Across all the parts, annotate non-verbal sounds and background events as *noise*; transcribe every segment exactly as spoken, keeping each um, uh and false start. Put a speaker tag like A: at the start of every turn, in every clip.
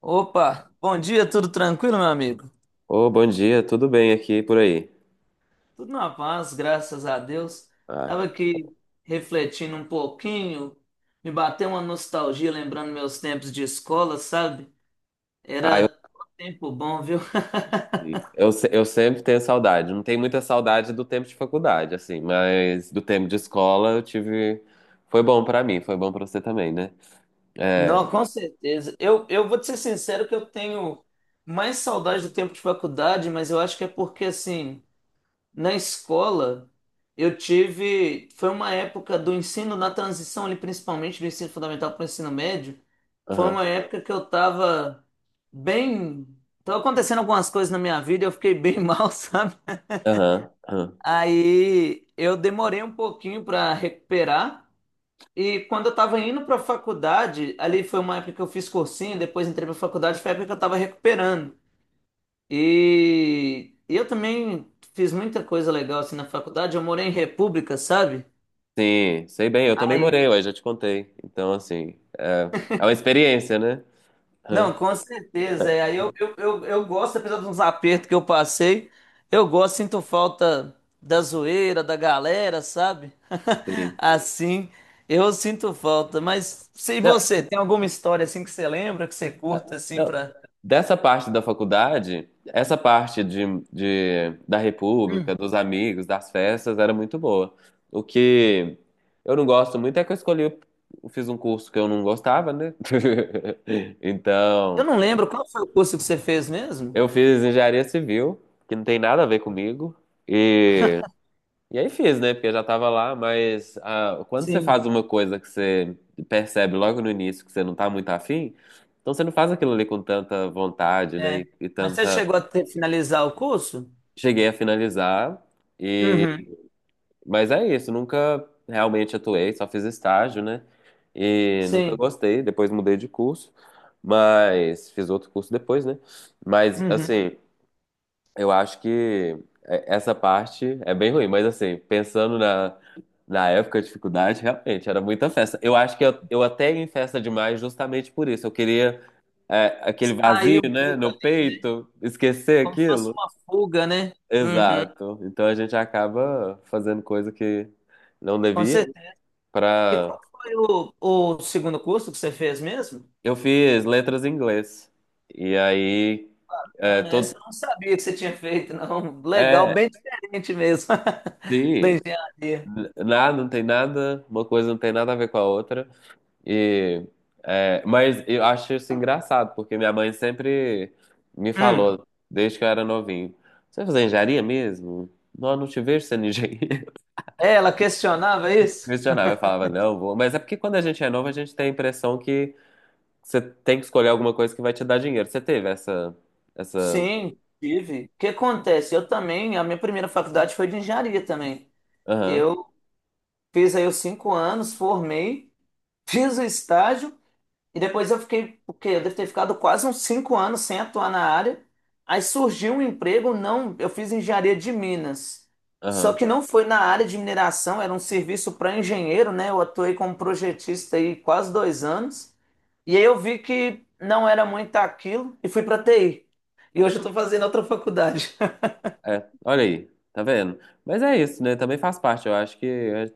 A: Opa, bom dia, tudo tranquilo, meu amigo?
B: Ô, bom dia, tudo bem aqui e por aí?
A: Tudo na paz, graças a Deus.
B: Ah,
A: Tava aqui refletindo um pouquinho, me bateu uma nostalgia lembrando meus tempos de escola, sabe?
B: ah, eu,
A: Era um tempo bom, viu? *laughs*
B: eu, se- eu sempre tenho saudade. Não tenho muita saudade do tempo de faculdade, assim, mas do tempo de escola eu tive. Foi bom pra mim, foi bom pra você também, né? É,
A: Não, com certeza. Eu, eu vou te ser sincero que eu tenho mais saudade do tempo de faculdade, mas eu acho que é porque, assim, na escola, eu tive. Foi uma época do ensino, na transição ali, principalmente do ensino fundamental para o ensino médio. Foi
B: aham,
A: uma época que eu tava bem. Tava acontecendo algumas coisas na minha vida, e eu fiquei bem *laughs* mal, sabe?
B: aham, aham.
A: Aí eu demorei um pouquinho para recuperar. E quando eu tava indo para faculdade, ali foi uma época que eu fiz cursinho, depois entrei para faculdade, foi a época que eu tava recuperando. E eu também fiz muita coisa legal assim na faculdade. Eu morei em República, sabe?
B: Sim, sei bem, eu também
A: Aí,
B: morei, eu já te contei. Então, assim, é, é uma experiência, né? Aham,
A: não, com certeza. É. Aí eu, eu, eu, eu gosto, apesar dos apertos que eu passei, eu gosto, sinto falta da zoeira, da galera, sabe? *laughs*
B: sim.
A: Assim, eu sinto falta. Mas se
B: Não,
A: você tem alguma história assim que você lembra, que você
B: ah,
A: curta assim
B: não.
A: pra.
B: Dessa parte da faculdade, essa parte de, de- da República,
A: Hum.
B: dos amigos, das festas, era muito boa. O que eu não gosto muito é que eu escolhi, eu fiz um curso que eu não gostava, né? *laughs*
A: Eu
B: Então,
A: não lembro qual foi o curso que você fez mesmo?
B: eu fiz engenharia civil, que não tem nada a ver comigo, e aí fiz, né? Porque eu já tava lá, mas ah, quando você
A: Sim,
B: faz uma coisa que você percebe logo no início que você não tá muito afim, então você não faz aquilo ali com tanta vontade, né?
A: é.
B: E, e
A: Mas você
B: tanta.
A: chegou a ter- finalizar o curso?
B: Cheguei a finalizar,
A: Uhum.
B: mas é isso, nunca realmente atuei, só fiz estágio, né? E nunca
A: Sei.
B: gostei, depois mudei de curso, mas fiz outro curso depois, né? Mas
A: Uhum.
B: assim. Eu acho que é- essa parte é bem ruim, mas assim, pensando na, na época de dificuldade, realmente era muita festa. Eu acho que eu, eu até ia em festa demais justamente por isso. Eu queria é, aquele
A: Sair
B: vazio,
A: um
B: né,
A: pouco
B: no
A: ali, né?
B: peito, esquecer
A: Como se fosse
B: aquilo.
A: uma fuga, né? Uhum.
B: Exato. Então a gente acaba fazendo coisa que não
A: Com
B: devia
A: certeza. E
B: para.
A: qual foi o, o segundo curso que você fez mesmo?
B: Eu fiz letras em inglês. E aí, é,
A: Ana, essa
B: todo.
A: eu não sabia que você tinha feito, não. Legal,
B: É,
A: bem diferente mesmo *laughs* da
B: sim,
A: engenharia.
B: n- nada, não tem nada, uma coisa não tem nada a ver com a outra. E, é, mas eu acho isso engraçado, porque minha mãe sempre me
A: Hum.
B: falou, desde que eu era novinho, você vai fazer engenharia mesmo? Não, eu não te vejo sendo engenheiro.
A: É, ela questionava
B: *laughs*
A: isso?
B: Questionava, eu falava, não, vou. Mas é porque quando a gente é novo, a gente tem a impressão que você tem que escolher alguma coisa que vai te dar dinheiro. Você teve essa, essa,
A: Sim, tive. O que acontece? Eu também, a minha primeira faculdade foi de engenharia também.
B: aham,
A: Eu fiz aí os cinco anos, formei, *laughs* fiz o estágio. E depois eu fiquei, o quê? Eu devo ter ficado quase uns cinco anos sem atuar na área. Aí surgiu um emprego, não, eu fiz engenharia de Minas. Só
B: aham.
A: que não foi na área de mineração, era um serviço para engenheiro, né? Eu atuei como projetista aí quase dois anos. E aí eu vi que não era muito aquilo e fui para T I. E hoje eu estou fazendo outra faculdade.
B: É, olha aí, tá vendo? Mas é isso, né? Também faz parte, eu acho que é,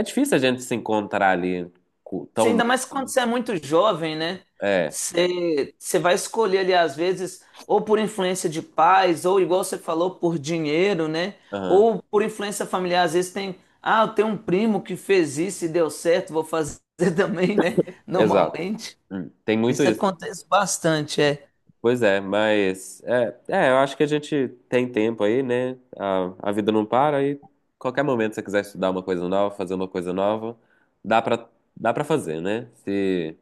B: é difícil a gente se encontrar ali co- tão
A: Sim,
B: novo,
A: ainda mais quando
B: né?
A: você é muito jovem, né?
B: É,
A: Você, você vai escolher ali, às vezes, ou por influência de pais, ou igual você falou, por dinheiro, né?
B: aham.
A: Ou por influência familiar, às vezes tem, ah, eu tenho um primo que fez isso e deu certo, vou fazer *laughs* também, né?
B: Exato.
A: Normalmente.
B: Hum, Tem muito
A: Isso
B: isso.
A: acontece bastante, é.
B: Pois é, mas é, é, eu acho que a gente tem tempo aí, né? A, a vida não para, e qualquer momento que você quiser estudar uma coisa nova, fazer uma coisa nova, dá pra, dá pra fazer, né? Se,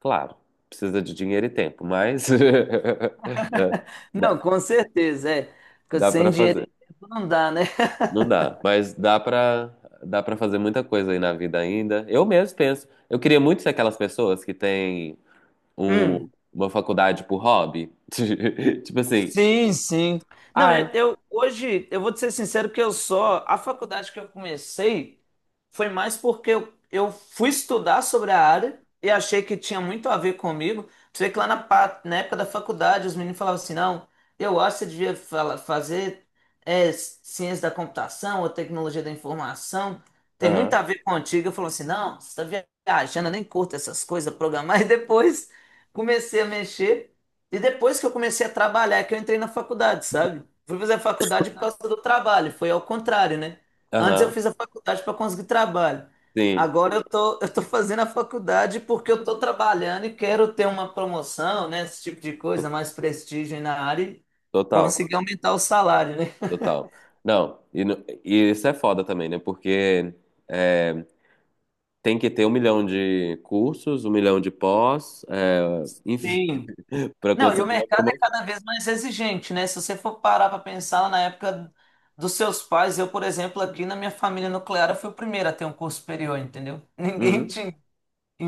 B: claro, precisa de dinheiro e tempo, mas *laughs* é,
A: Não,
B: dá,
A: com certeza, é. Porque
B: dá
A: sem
B: para
A: dinheiro
B: fazer.
A: não dá, né?
B: Não dá, mas dá pra, dá pra fazer muita coisa aí na vida ainda. Eu mesmo penso, eu queria muito ser aquelas pessoas que têm um-
A: Hum.
B: uma faculdade por hobby. *laughs* Tipo assim,
A: Sim, sim. Não,
B: ai,
A: eu, eu- hoje eu vou te ser sincero que eu só a faculdade que eu comecei foi mais porque eu, eu fui estudar sobre a área e achei que tinha muito a ver comigo. Você vê que lá na, pa- na época da faculdade os meninos falavam assim, não, eu acho que você devia fala- fazer é, ciência da computação ou tecnologia da informação. Tem muito
B: aham,
A: a ver contigo. Eu falo assim, não, você está viajando, eu nem curto essas coisas, programar. *laughs* E depois comecei a mexer. E depois que eu comecei a trabalhar, é que eu entrei na faculdade, sabe? Fui fazer a faculdade por causa do trabalho, foi ao contrário, né? Antes eu
B: aham,
A: fiz a faculdade para conseguir trabalho.
B: sim,
A: Agora eu tô, eu tô *laughs* fazendo a faculdade porque eu tô trabalhando e quero ter uma promoção, né? Esse tipo de coisa, mais prestígio na área e
B: total,
A: conseguir aumentar o salário, né?
B: total. Não, e, no- e isso é foda também, né? Porque é, tem que ter um milhão de cursos, um milhão de pós, é, enfim,
A: Sim.
B: *laughs* pra
A: Não, e o
B: conseguir uma
A: mercado é
B: promoção.
A: cada vez mais exigente, né? Se você for parar para pensar na época dos seus pais, eu, por exemplo, aqui na minha família nuclear, eu fui o primeiro a ter um curso superior, entendeu? *laughs*
B: Uhum.
A: Ninguém tinha.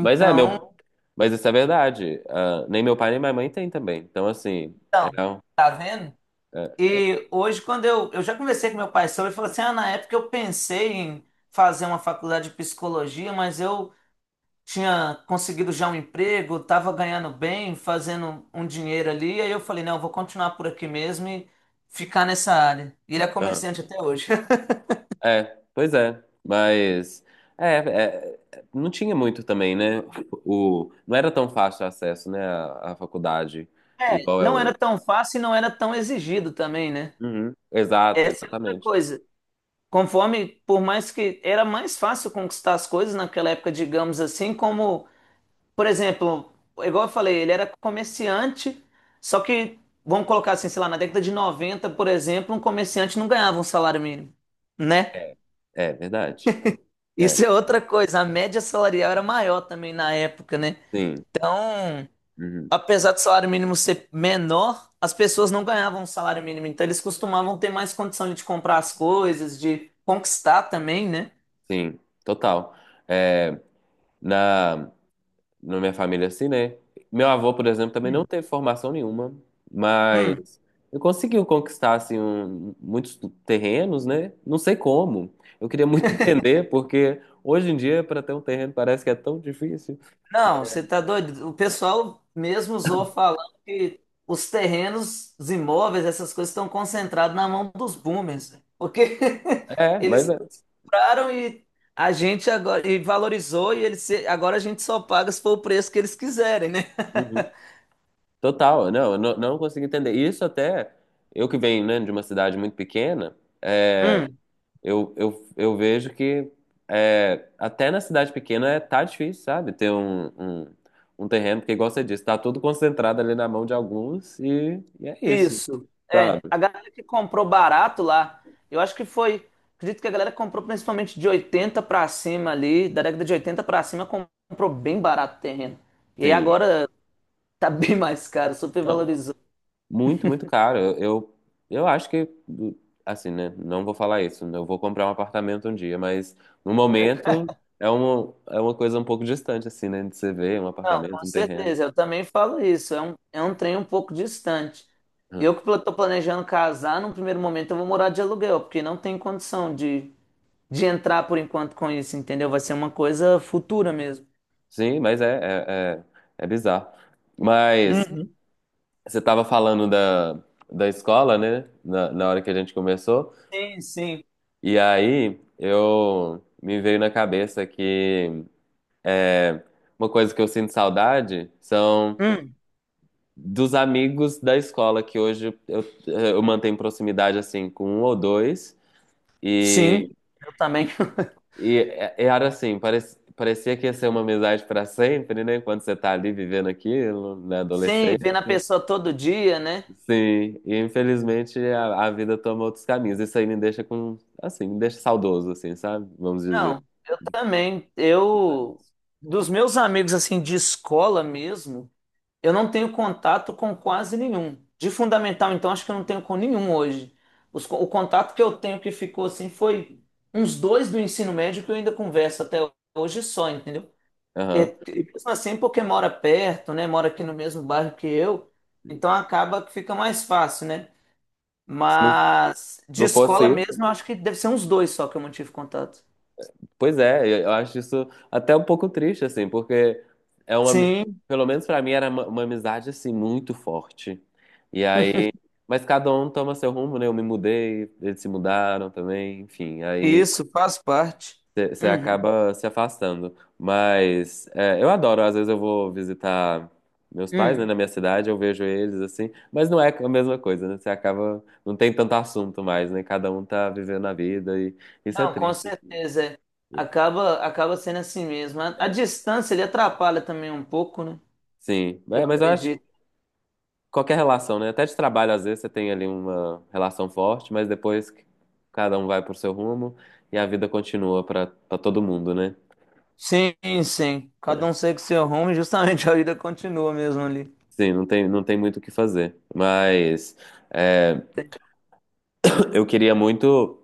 B: Mas é, meu, mas isso é verdade. Ah, nem meu pai nem minha mãe tem também. Então, assim, é,
A: então, tá vendo?
B: é,
A: E hoje, quando eu, eu já conversei com meu pai sobre, ele falou assim: ah, na época eu pensei em fazer uma faculdade de psicologia, mas eu tinha conseguido já um emprego, estava ganhando bem, fazendo um dinheiro ali. Aí eu falei, não, eu vou continuar por aqui mesmo e ficar nessa área. E ele é comerciante até hoje. *laughs*
B: É, pois é, mas é, é, não tinha muito também, né? O, não era tão fácil o acesso, né, à, à faculdade,
A: É,
B: igual é
A: não era
B: hoje.
A: tão fácil e não era tão exigido também, né?
B: Uhum. Exato,
A: Essa é outra
B: exatamente.
A: coisa. Conforme, por mais que era mais fácil conquistar as coisas naquela época, digamos assim, como, por exemplo, igual eu falei, ele era comerciante, só que, vamos colocar assim, sei lá, na década de noventa, por exemplo, um comerciante não ganhava um salário mínimo, né?
B: É, é verdade. É,
A: Isso é outra coisa, a média salarial era maior também na época, né?
B: sim.
A: Então,
B: Uhum.
A: apesar do salário mínimo ser menor, as pessoas não ganhavam salário mínimo, então eles costumavam ter mais condição de comprar as coisas, de conquistar também, né?
B: Sim, total. É, na, na minha família, assim, né? Meu avô, por exemplo, também não teve formação nenhuma, mas
A: Hum.
B: eu consegui conquistar assim, um- muitos terrenos, né? Não sei como. Eu queria muito entender, porque hoje em dia, para ter um terreno, parece que é tão difícil.
A: Não, você tá doido? O pessoal mesmo usou falando que os terrenos, os imóveis, essas coisas estão concentrados na mão dos boomers, né? Porque *laughs*
B: É, mas
A: eles
B: é.
A: compraram e a gente agora e valorizou e eles se- agora a gente só paga se for o preço que eles quiserem, né?
B: Uhum. Total, não, eu não, não consegui entender. Isso até, eu que venho, né, de uma cidade muito pequena, é,
A: Hum,
B: eu, eu, eu vejo que é, até na cidade pequena é, tá difícil, sabe? Ter um, um, um terreno, porque igual você disse, tá tudo concentrado ali na mão de alguns, e, e é isso,
A: isso.
B: sabe?
A: É, a galera que comprou barato lá, eu acho que foi, acredito que a galera que comprou principalmente de oitenta pra cima ali, da década de oitenta pra cima comprou bem barato o terreno. E aí
B: Sim.
A: agora tá bem mais caro, super
B: Não,
A: valorizou.
B: muito, muito caro. Eu, eu eu acho que, assim, né? Não vou falar isso. Eu vou comprar um apartamento um dia, mas no momento é uma, é uma coisa um pouco distante, assim, né? De você ver um
A: Não,
B: apartamento,
A: com
B: um terreno.
A: certeza, eu também falo isso. É um, é um trem um pouco distante.
B: Hum.
A: Eu que pla- tô planejando casar, num primeiro momento eu vou morar de aluguel, porque não tem condição de, de entrar por enquanto com isso, entendeu? Vai ser uma coisa futura mesmo.
B: Sim, mas é, é, é, é bizarro. Mas
A: Uhum.
B: você estava falando da, da escola, né? Na, na hora que a gente começou.
A: Sim, sim.
B: E aí eu me veio na cabeça que é, uma coisa que eu sinto saudade são
A: Hum,
B: dos amigos da escola, que hoje eu, eu mantenho proximidade assim com um ou dois.
A: sim,
B: E,
A: eu também. *laughs*
B: e é- é, era assim, parece- parecia que ia ser uma amizade para sempre, né? Quando você tá ali vivendo aquilo, na
A: Sim,
B: adolescência.
A: vendo a pessoa todo dia, né?
B: Sim, e infelizmente a, a vida toma outros caminhos. Isso aí me deixa com, assim, me deixa saudoso, assim, sabe? Vamos dizer.
A: Não, eu também. Eu, dos meus amigos, assim, de escola mesmo. Eu não tenho contato com quase nenhum. De fundamental, então, acho que eu não tenho com nenhum hoje. Os co- o contato que eu tenho que ficou assim foi uns dois do ensino médio que eu ainda converso até hoje só, entendeu? E,
B: Aham.
A: e mesmo assim, porque mora perto, né? Mora aqui no mesmo bairro que eu, então acaba que fica mais fácil, né?
B: Se não,
A: Mas de
B: não fosse
A: escola mesmo, eu
B: isso.
A: acho que deve ser uns dois só que eu mantive contato.
B: Pois é, eu acho isso até um pouco triste, assim, porque é uma, ami-
A: Sim,
B: pelo menos pra mim era uma, uma amizade assim muito forte. E aí,
A: *laughs*
B: mas cada um toma seu rumo, né? Eu me mudei, eles se mudaram também, enfim, aí
A: isso faz parte.
B: você
A: Uhum.
B: acaba se afastando. Mas é, eu adoro, às vezes eu vou visitar meus pais,
A: Uhum.
B: né, na minha cidade, eu vejo eles assim, mas não é a mesma coisa, né? Você acaba, não tem tanto assunto mais, né? Cada um tá vivendo a vida e isso é
A: Não, com
B: triste.
A: certeza. É.
B: É.
A: Acaba, acaba sendo assim mesmo. A, a distância ele atrapalha também um pouco, né?
B: Sim.
A: Eu
B: É, mas eu acho que
A: acredito.
B: qualquer relação, né? Até de trabalho, às vezes, você tem ali uma relação forte, mas depois que cada um vai pro seu rumo e a vida continua para todo mundo, né?
A: Sim, sim. Cada um segue seu rumo e justamente *laughs* a vida continua mesmo ali.
B: Sim, não tem, não tem muito o que fazer. Mas é, *clears throat* eu queria muito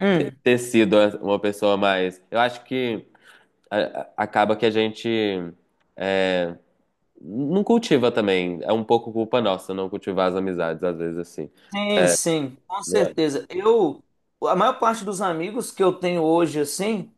A: Hum,
B: ter sido uma pessoa mais. Eu acho que a- a- acaba que a gente é, não cultiva também. É um pouco culpa nossa não cultivar as amizades, às vezes, assim.
A: sim, sim, com
B: Não é?
A: certeza. Eu, a maior parte dos amigos que eu tenho hoje, assim,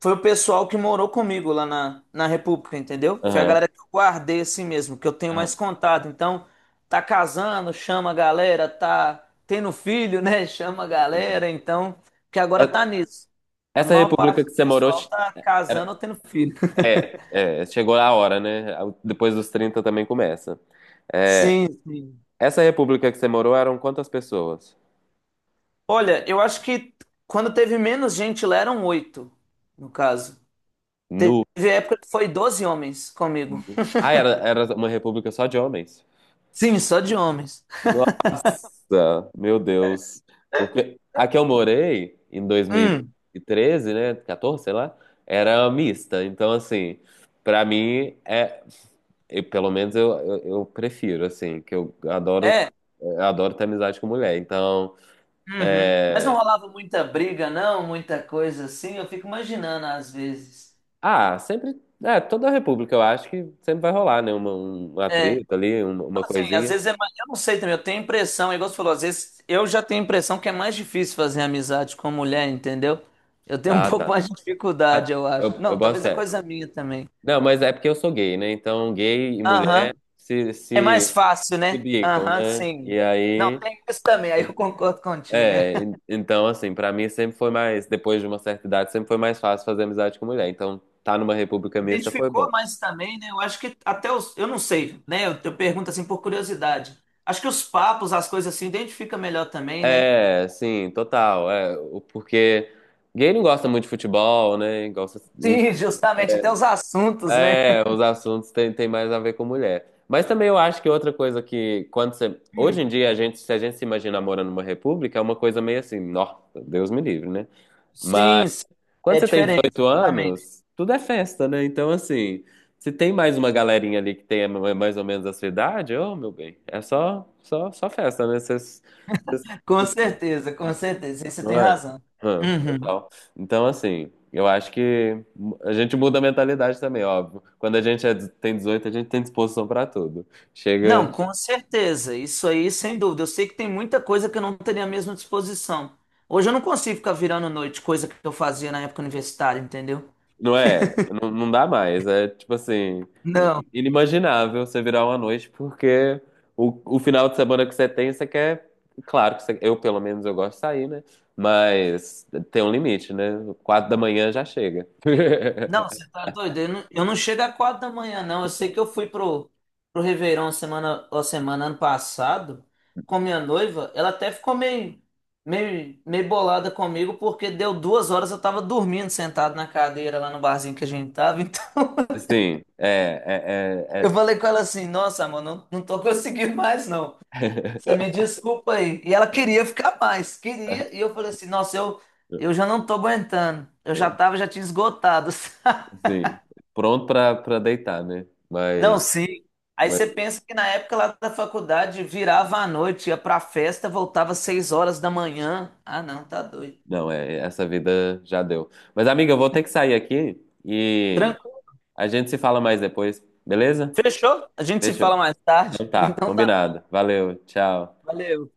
A: foi o pessoal que morou comigo lá na, na República, entendeu? Foi a
B: Aham,
A: galera que eu guardei assim mesmo, que eu tenho mais
B: aham.
A: contato. Então, tá casando, chama a galera, tá tendo filho, né? *laughs* Chama a galera, então, que agora tá
B: É-
A: nisso. A
B: Essa
A: maior
B: república
A: parte
B: que
A: do
B: você morou.
A: pessoal tá casando ou tendo filho. *laughs*
B: É, é, chegou a hora, né? Depois dos trinta também começa. É,
A: Sim, sim.
B: essa república que você morou eram quantas pessoas?
A: Olha, eu acho que quando teve menos gente lá eram oito, no caso. Teve
B: Nu.
A: época que foi doze homens comigo.
B: Ah, era, era uma república só de homens.
A: Sim, só de homens.
B: Nossa, meu Deus. Porque a que eu morei em dois mil
A: Hum.
B: e treze né? quatorze, sei lá, era mista. Então, assim, pra mim é. Eu- pelo menos eu, eu, eu prefiro, assim, que eu adoro,
A: É.
B: eu adoro ter amizade com mulher. Então,
A: Uhum. Mas não
B: é,
A: rolava muita briga, não, muita coisa assim. Eu fico imaginando às vezes.
B: ah, sempre. É, toda a República, eu acho que sempre vai rolar, né? Uma, um- uma
A: É,
B: treta ali, uma, uma
A: fala assim, às
B: coisinha.
A: vezes é mais, eu não sei também, eu tenho impressão, igual você falou, às vezes eu já tenho impressão que é mais difícil fazer amizade com mulher, entendeu? Eu tenho um *laughs*
B: Ah,
A: pouco
B: tá.
A: mais de dificuldade,
B: Ah,
A: eu acho.
B: eu, eu
A: Não,
B: boto
A: talvez é
B: fé.
A: coisa minha também.
B: Não, mas é porque eu sou gay, né? Então, gay e
A: Aham.
B: mulher se,
A: É mais
B: se,
A: fácil,
B: se
A: né?
B: bicam,
A: Aham,
B: né? E
A: sim. Não,
B: aí.
A: tem isso também, aí eu concordo contigo.
B: É,
A: *laughs*
B: en- então, assim, pra mim sempre foi mais. Depois de uma certa idade, sempre foi mais fácil fazer amizade com mulher. Então, tá numa República mista foi
A: Identificou,
B: bom.
A: mas também, né? Eu acho que até os. Eu não sei, né? Eu, eu pergunto assim por curiosidade. Acho que os papos, as coisas assim, identifica melhor também, né?
B: É, sim, total. É, o- porque gay não gosta muito de futebol, né? Gosta.
A: Sim, *laughs* justamente, até os assuntos, né?
B: É, os assuntos têm, têm mais a ver com mulher. Mas também eu acho que outra coisa que, quando você. Hoje
A: Hum,
B: em dia, a gente, se a gente se imagina morando numa república, é uma coisa meio assim, nossa, Deus me livre, né? Mas
A: sim, sim.
B: quando
A: É
B: você tem
A: diferente,
B: dezoito
A: justamente.
B: anos, tudo é festa, né? Então, assim, se tem mais uma galerinha ali que tem mais ou menos a sua idade, ô, meu bem, é só, só, só festa, né? Você
A: Com certeza, com certeza, aí você
B: não
A: tem
B: é?
A: razão.
B: Ah,
A: Uhum.
B: total. Então, assim, eu acho que a gente muda a mentalidade também, óbvio. Quando a gente é- tem dezoito a gente tem disposição pra tudo. Chega.
A: Não, com certeza. Isso aí, sem dúvida. Eu sei que tem muita coisa que eu não teria a mesma disposição. Hoje eu não consigo ficar virando noite, coisa que eu fazia na época universitária, entendeu?
B: Não é? Não, não dá mais. É tipo assim,
A: não
B: i- inimaginável você virar uma noite, porque o, o final de semana que você tem, você quer. Claro que você- eu, pelo menos, eu gosto de sair, né? Mas tem um limite, né? Quatro da manhã já chega.
A: Não, você
B: *laughs*
A: tá doido? Eu não, eu não chego a quatro da manhã, não. Eu sei que eu fui pro, pro Réveillon semana, ó, semana ano passado com minha noiva. Ela até ficou meio, meio, meio bolada comigo porque deu duas horas eu tava dormindo sentado na cadeira lá no barzinho que a gente tava. Então
B: Sim, é,
A: *laughs*
B: é,
A: eu
B: é...
A: falei com ela assim: Nossa, amor, não, não tô conseguindo mais, não. Você me desculpa aí. E ela queria ficar mais, queria. E eu falei assim: Nossa, eu, eu já não tô aguentando. Eu já
B: é- *laughs*
A: tava, já tinha esgotado. *laughs*
B: Sim, pronto pra, pra deitar, né?
A: Não,
B: Mas,
A: sim. Aí
B: mas
A: você pensa que na época lá da faculdade virava à noite, ia pra festa, voltava às seis horas da manhã. Ah, não, tá doido.
B: não, é, essa vida já deu. Mas, amiga, eu vou ter que sair aqui e
A: Tranquilo.
B: a gente se fala mais depois, beleza?
A: Fechou? A gente se
B: Fechou.
A: fala
B: Tem.
A: mais tarde.
B: Então
A: *laughs*
B: tá,
A: Então tá bom.
B: combinado. Valeu, tchau.
A: Valeu.